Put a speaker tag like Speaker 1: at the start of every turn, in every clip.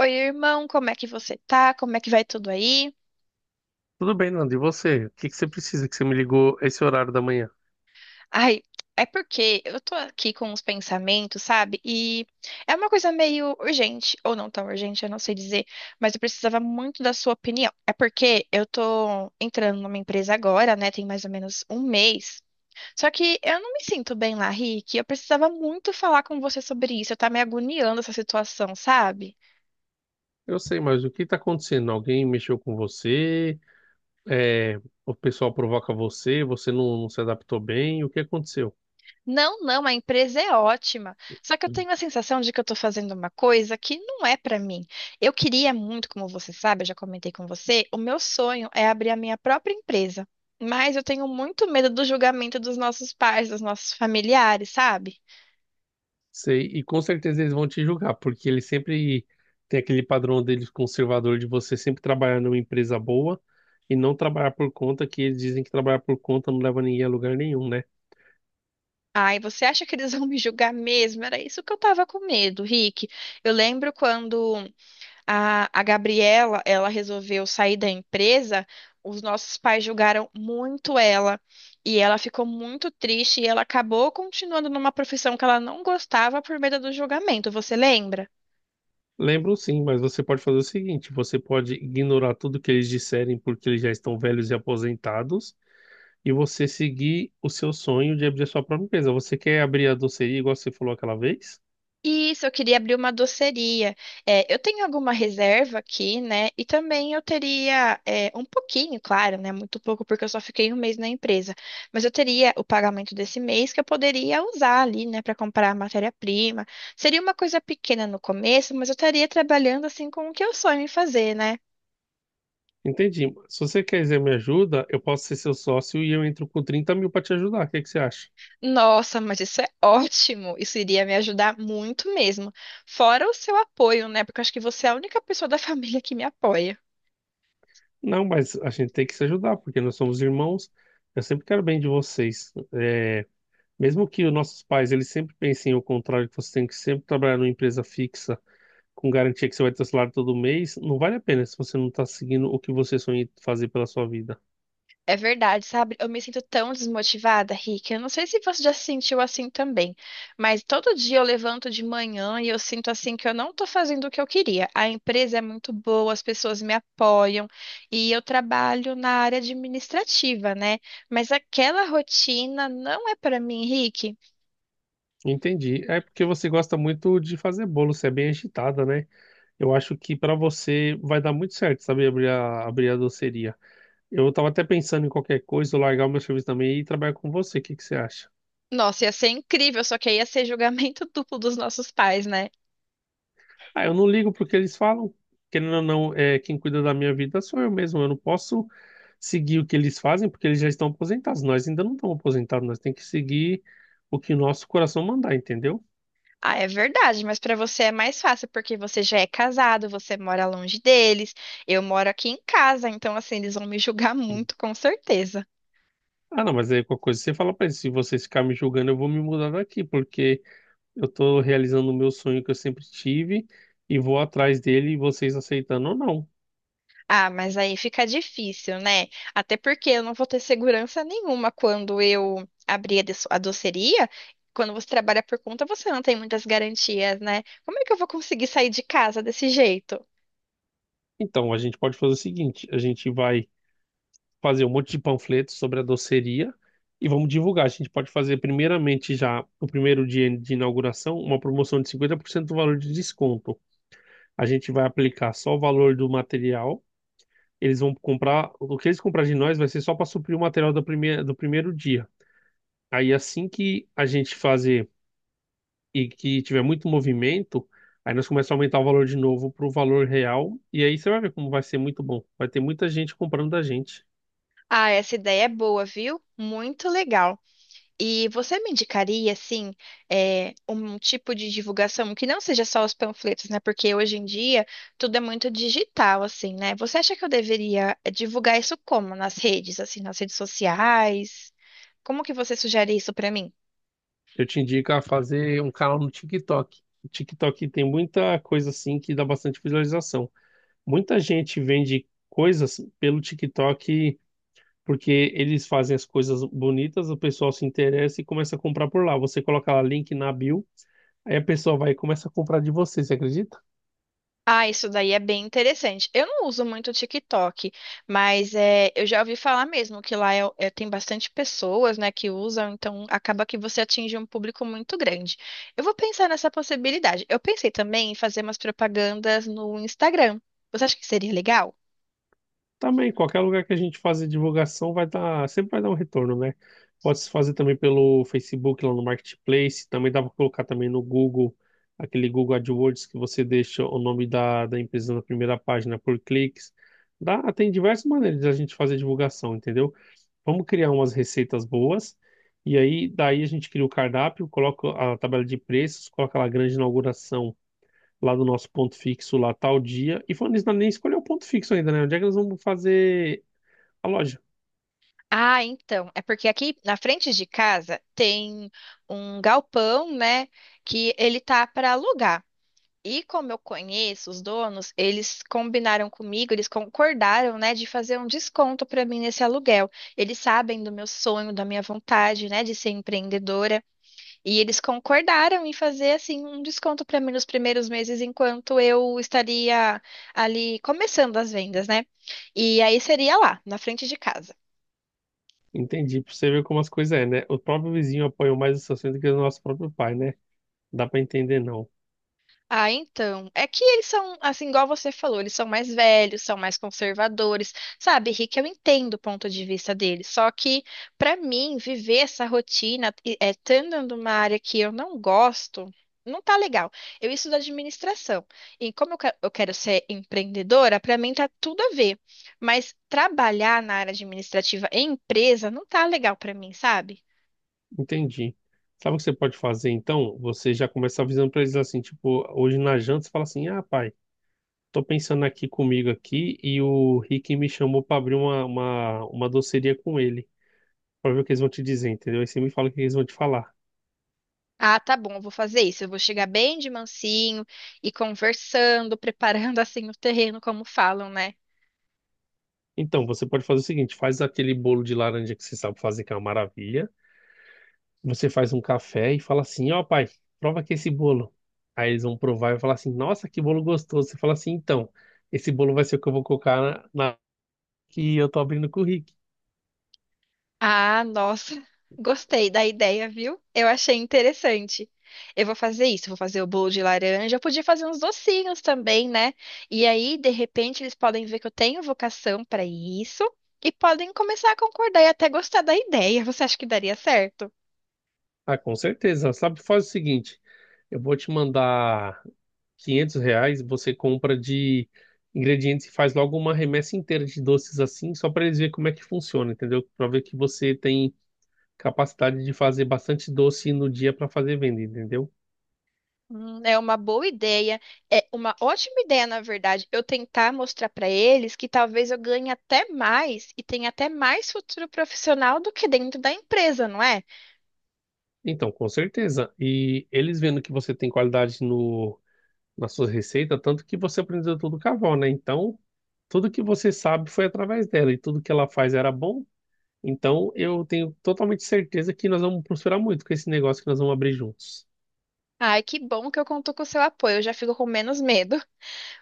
Speaker 1: Oi, irmão, como é que você tá? Como é que vai tudo aí?
Speaker 2: Tudo bem, Nando. E você? O que que você precisa que você me ligou esse horário da manhã?
Speaker 1: Ai, é porque eu tô aqui com uns pensamentos, sabe? E é uma coisa meio urgente, ou não tão urgente, eu não sei dizer, mas eu precisava muito da sua opinião. É porque eu tô entrando numa empresa agora, né? Tem mais ou menos um mês. Só que eu não me sinto bem lá, Rick. Eu precisava muito falar com você sobre isso. Eu tá me agoniando essa situação, sabe?
Speaker 2: Eu sei, mas o que está acontecendo? Alguém mexeu com você? É, o pessoal provoca você? Você não se adaptou bem? O que aconteceu?
Speaker 1: Não, não, a empresa é ótima. Só que eu tenho a sensação de que eu estou fazendo uma coisa que não é para mim. Eu queria muito, como você sabe, eu já comentei com você, o meu sonho é abrir a minha própria empresa. Mas eu tenho muito medo do julgamento dos nossos pais, dos nossos familiares, sabe?
Speaker 2: Sei, e com certeza eles vão te julgar, porque eles sempre têm aquele padrão deles conservador de você sempre trabalhar numa empresa boa e não trabalhar por conta, que eles dizem que trabalhar por conta não leva ninguém a lugar nenhum, né?
Speaker 1: Ai, você acha que eles vão me julgar mesmo? Era isso que eu tava com medo, Rick. Eu lembro quando a Gabriela, ela resolveu sair da empresa. Os nossos pais julgaram muito ela e ela ficou muito triste e ela acabou continuando numa profissão que ela não gostava por medo do julgamento. Você lembra?
Speaker 2: Lembram sim, mas você pode fazer o seguinte: você pode ignorar tudo que eles disserem porque eles já estão velhos e aposentados, e você seguir o seu sonho de abrir a sua própria empresa. Você quer abrir a doceria igual você falou aquela vez?
Speaker 1: Isso, eu queria abrir uma doceria. É, eu tenho alguma reserva aqui, né? E também eu teria um pouquinho, claro, né? Muito pouco, porque eu só fiquei um mês na empresa. Mas eu teria o pagamento desse mês que eu poderia usar ali, né? Para comprar matéria-prima. Seria uma coisa pequena no começo, mas eu estaria trabalhando assim com o que eu sonho em fazer, né?
Speaker 2: Entendi. Se você quiser me ajuda, eu posso ser seu sócio e eu entro com 30 mil para te ajudar. O que que você acha?
Speaker 1: Nossa, mas isso é ótimo! Isso iria me ajudar muito mesmo. Fora o seu apoio, né? Porque eu acho que você é a única pessoa da família que me apoia.
Speaker 2: Não, mas a gente tem que se ajudar, porque nós somos irmãos. Eu sempre quero bem de vocês. Mesmo que os nossos pais eles sempre pensem o contrário, que você tem que sempre trabalhar numa empresa fixa com garantia que você vai ter salário todo mês, não vale a pena se você não está seguindo o que você sonha em fazer pela sua vida.
Speaker 1: É verdade, sabe? Eu me sinto tão desmotivada, Rick. Eu não sei se você já se sentiu assim também, mas todo dia eu levanto de manhã e eu sinto assim que eu não tô fazendo o que eu queria. A empresa é muito boa, as pessoas me apoiam e eu trabalho na área administrativa, né? Mas aquela rotina não é pra mim, Rick.
Speaker 2: Entendi. É porque você gosta muito de fazer bolo, você é bem agitada, né? Eu acho que para você vai dar muito certo, sabe, abrir a doceria. Eu estava até pensando em qualquer coisa, eu largar o meu serviço também e ir trabalhar com você. O que que você acha?
Speaker 1: Nossa, ia ser incrível, só que aí ia ser julgamento duplo dos nossos pais, né?
Speaker 2: Ah, eu não ligo pro que eles falam. Querendo ou não, quem cuida da minha vida sou eu mesmo. Eu não posso seguir o que eles fazem porque eles já estão aposentados. Nós ainda não estamos aposentados, nós temos que seguir o que o nosso coração mandar, entendeu?
Speaker 1: Ah, é verdade, mas para você é mais fácil porque você já é casado, você mora longe deles, eu moro aqui em casa, então assim, eles vão me julgar muito, com certeza.
Speaker 2: Ah, não, mas aí qualquer coisa você fala pra eles, se vocês ficarem me julgando, eu vou me mudar daqui, porque eu tô realizando o meu sonho que eu sempre tive e vou atrás dele, vocês aceitando ou não.
Speaker 1: Ah, mas aí fica difícil, né? Até porque eu não vou ter segurança nenhuma quando eu abrir a doceria. Quando você trabalha por conta, você não tem muitas garantias, né? Como é que eu vou conseguir sair de casa desse jeito?
Speaker 2: Então, a gente pode fazer o seguinte, a gente vai fazer um monte de panfletos sobre a doceria e vamos divulgar. A gente pode fazer, primeiramente, já no primeiro dia de inauguração, uma promoção de 50% do valor de desconto. A gente vai aplicar só o valor do material. Eles vão comprar, o que eles comprar de nós vai ser só para suprir o material do primeiro dia. Aí, assim que a gente fazer e que tiver muito movimento, aí nós começamos a aumentar o valor de novo para o valor real. E aí você vai ver como vai ser muito bom. Vai ter muita gente comprando da gente.
Speaker 1: Ah, essa ideia é boa, viu? Muito legal. E você me indicaria, assim, um tipo de divulgação que não seja só os panfletos, né? Porque hoje em dia tudo é muito digital, assim, né? Você acha que eu deveria divulgar isso como? Nas redes, assim, nas redes sociais? Como que você sugere isso pra mim?
Speaker 2: Eu te indico a fazer um canal no TikTok. O TikTok tem muita coisa assim que dá bastante visualização. Muita gente vende coisas pelo TikTok porque eles fazem as coisas bonitas, o pessoal se interessa e começa a comprar por lá. Você coloca lá link na bio, aí a pessoa vai e começa a comprar de você, você acredita?
Speaker 1: Ah, isso daí é bem interessante. Eu não uso muito o TikTok, mas é, eu já ouvi falar mesmo que lá tem bastante pessoas, né, que usam, então acaba que você atinge um público muito grande. Eu vou pensar nessa possibilidade. Eu pensei também em fazer umas propagandas no Instagram. Você acha que seria legal?
Speaker 2: Também, qualquer lugar que a gente fazer divulgação vai dar, sempre vai dar um retorno, né? Pode se fazer também pelo Facebook lá no Marketplace, também dá para colocar também no Google, aquele Google AdWords que você deixa o nome da empresa na primeira página por cliques. Dá, tem diversas maneiras de a gente fazer divulgação, entendeu? Vamos criar umas receitas boas, e aí daí a gente cria o cardápio, coloca a tabela de preços, coloca lá a grande inauguração lá do nosso ponto fixo lá tal dia. E falando nisso, nós nem escolheu o ponto fixo ainda, né? Onde é que nós vamos fazer a loja.
Speaker 1: Ah, então, é porque aqui na frente de casa tem um galpão, né, que ele tá para alugar. E como eu conheço os donos, eles combinaram comigo, eles concordaram, né, de fazer um desconto para mim nesse aluguel. Eles sabem do meu sonho, da minha vontade, né, de ser empreendedora, e eles concordaram em fazer assim um desconto para mim nos primeiros meses enquanto eu estaria ali começando as vendas, né? E aí seria lá, na frente de casa.
Speaker 2: Entendi, pra você ver como as coisas é, né? O próprio vizinho apoiou mais essa cena do que o nosso próprio pai, né? Dá pra entender, não.
Speaker 1: Ah, então. É que eles são, assim, igual você falou, eles são mais velhos, são mais conservadores. Sabe, Rick, eu entendo o ponto de vista deles. Só que, pra mim, viver essa rotina, é, estando numa área que eu não gosto, não tá legal. Eu estudo administração. E como eu quero ser empreendedora, pra mim tá tudo a ver. Mas trabalhar na área administrativa em empresa não tá legal pra mim, sabe?
Speaker 2: Entendi. Sabe o que você pode fazer, então? Você já começa avisando pra eles assim, tipo, hoje na janta você fala assim, ah, pai, tô pensando aqui comigo aqui e o Rick me chamou pra abrir uma doceria com ele, pra ver o que eles vão te dizer, entendeu? Aí você me fala o que eles vão te falar.
Speaker 1: Ah, tá bom, eu vou fazer isso. Eu vou chegar bem de mansinho e conversando, preparando assim o terreno, como falam, né?
Speaker 2: Então, você pode fazer o seguinte, faz aquele bolo de laranja que você sabe fazer, que é uma maravilha. Você faz um café e fala assim: Ó, pai, prova aqui esse bolo. Aí eles vão provar e vão falar assim: Nossa, que bolo gostoso. Você fala assim: Então, esse bolo vai ser o que eu vou colocar na que eu tô abrindo com o Rick.
Speaker 1: Ah, nossa, gostei da ideia, viu? Eu achei interessante. Eu vou fazer isso, vou fazer o bolo de laranja. Eu podia fazer uns docinhos também, né? E aí, de repente, eles podem ver que eu tenho vocação para isso e podem começar a concordar e até gostar da ideia. Você acha que daria certo?
Speaker 2: Ah, com certeza. Sabe, faz o seguinte: Eu vou te mandar R$ 500. Você compra de ingredientes e faz logo uma remessa inteira de doces assim, só para eles verem como é que funciona, entendeu? Para ver que você tem capacidade de fazer bastante doce no dia para fazer venda, entendeu?
Speaker 1: É uma boa ideia, é uma ótima ideia, na verdade, eu tentar mostrar para eles que talvez eu ganhe até mais e tenha até mais futuro profissional do que dentro da empresa, não é?
Speaker 2: Então, com certeza. E eles vendo que você tem qualidade no, na sua receita, tanto que você aprendeu tudo com a avó, né? Então, tudo que você sabe foi através dela e tudo que ela faz era bom. Então, eu tenho totalmente certeza que nós vamos prosperar muito com esse negócio que nós vamos abrir juntos.
Speaker 1: Ai, que bom que eu conto com o seu apoio, eu já fico com menos medo.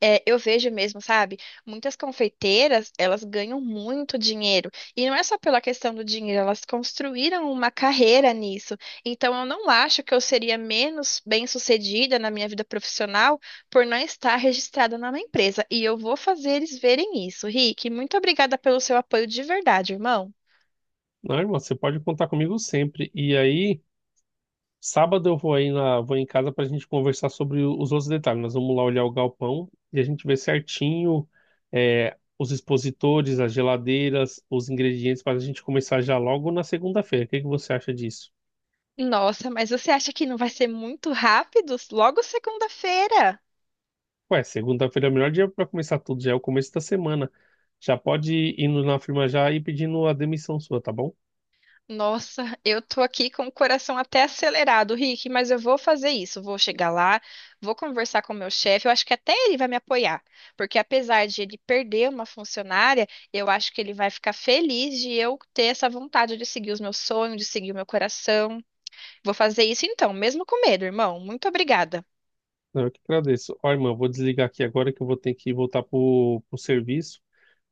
Speaker 1: É, eu vejo mesmo, sabe? Muitas confeiteiras, elas ganham muito dinheiro. E não é só pela questão do dinheiro, elas construíram uma carreira nisso. Então, eu não acho que eu seria menos bem-sucedida na minha vida profissional por não estar registrada numa empresa. E eu vou fazer eles verem isso. Rick, muito obrigada pelo seu apoio de verdade, irmão.
Speaker 2: Não, irmão, você pode contar comigo sempre. E aí. Sábado eu vou aí na, vou em casa para a gente conversar sobre o- os outros detalhes. Nós vamos lá olhar o galpão e a gente vê certinho os expositores, as geladeiras, os ingredientes para a gente começar já logo na segunda-feira. O que que você acha disso?
Speaker 1: Nossa, mas você acha que não vai ser muito rápido? Logo segunda-feira.
Speaker 2: Ué, segunda-feira é o melhor dia para começar tudo, já é o começo da semana. Já pode ir indo na firma já e pedindo a demissão sua, tá bom?
Speaker 1: Nossa, eu tô aqui com o coração até acelerado, Rick, mas eu vou fazer isso. Vou chegar lá, vou conversar com o meu chefe. Eu acho que até ele vai me apoiar, porque apesar de ele perder uma funcionária, eu acho que ele vai ficar feliz de eu ter essa vontade de seguir os meus sonhos, de seguir o meu coração. Vou fazer isso então, mesmo com medo, irmão. Muito obrigada.
Speaker 2: Não, eu que agradeço. Ó, irmã, eu vou desligar aqui agora que eu vou ter que voltar pro serviço,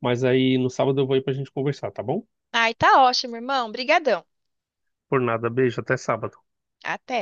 Speaker 2: mas aí no sábado eu vou aí para a gente conversar, tá bom?
Speaker 1: Ai, tá ótimo, irmão. Brigadão.
Speaker 2: Por nada, beijo, até sábado.
Speaker 1: Até.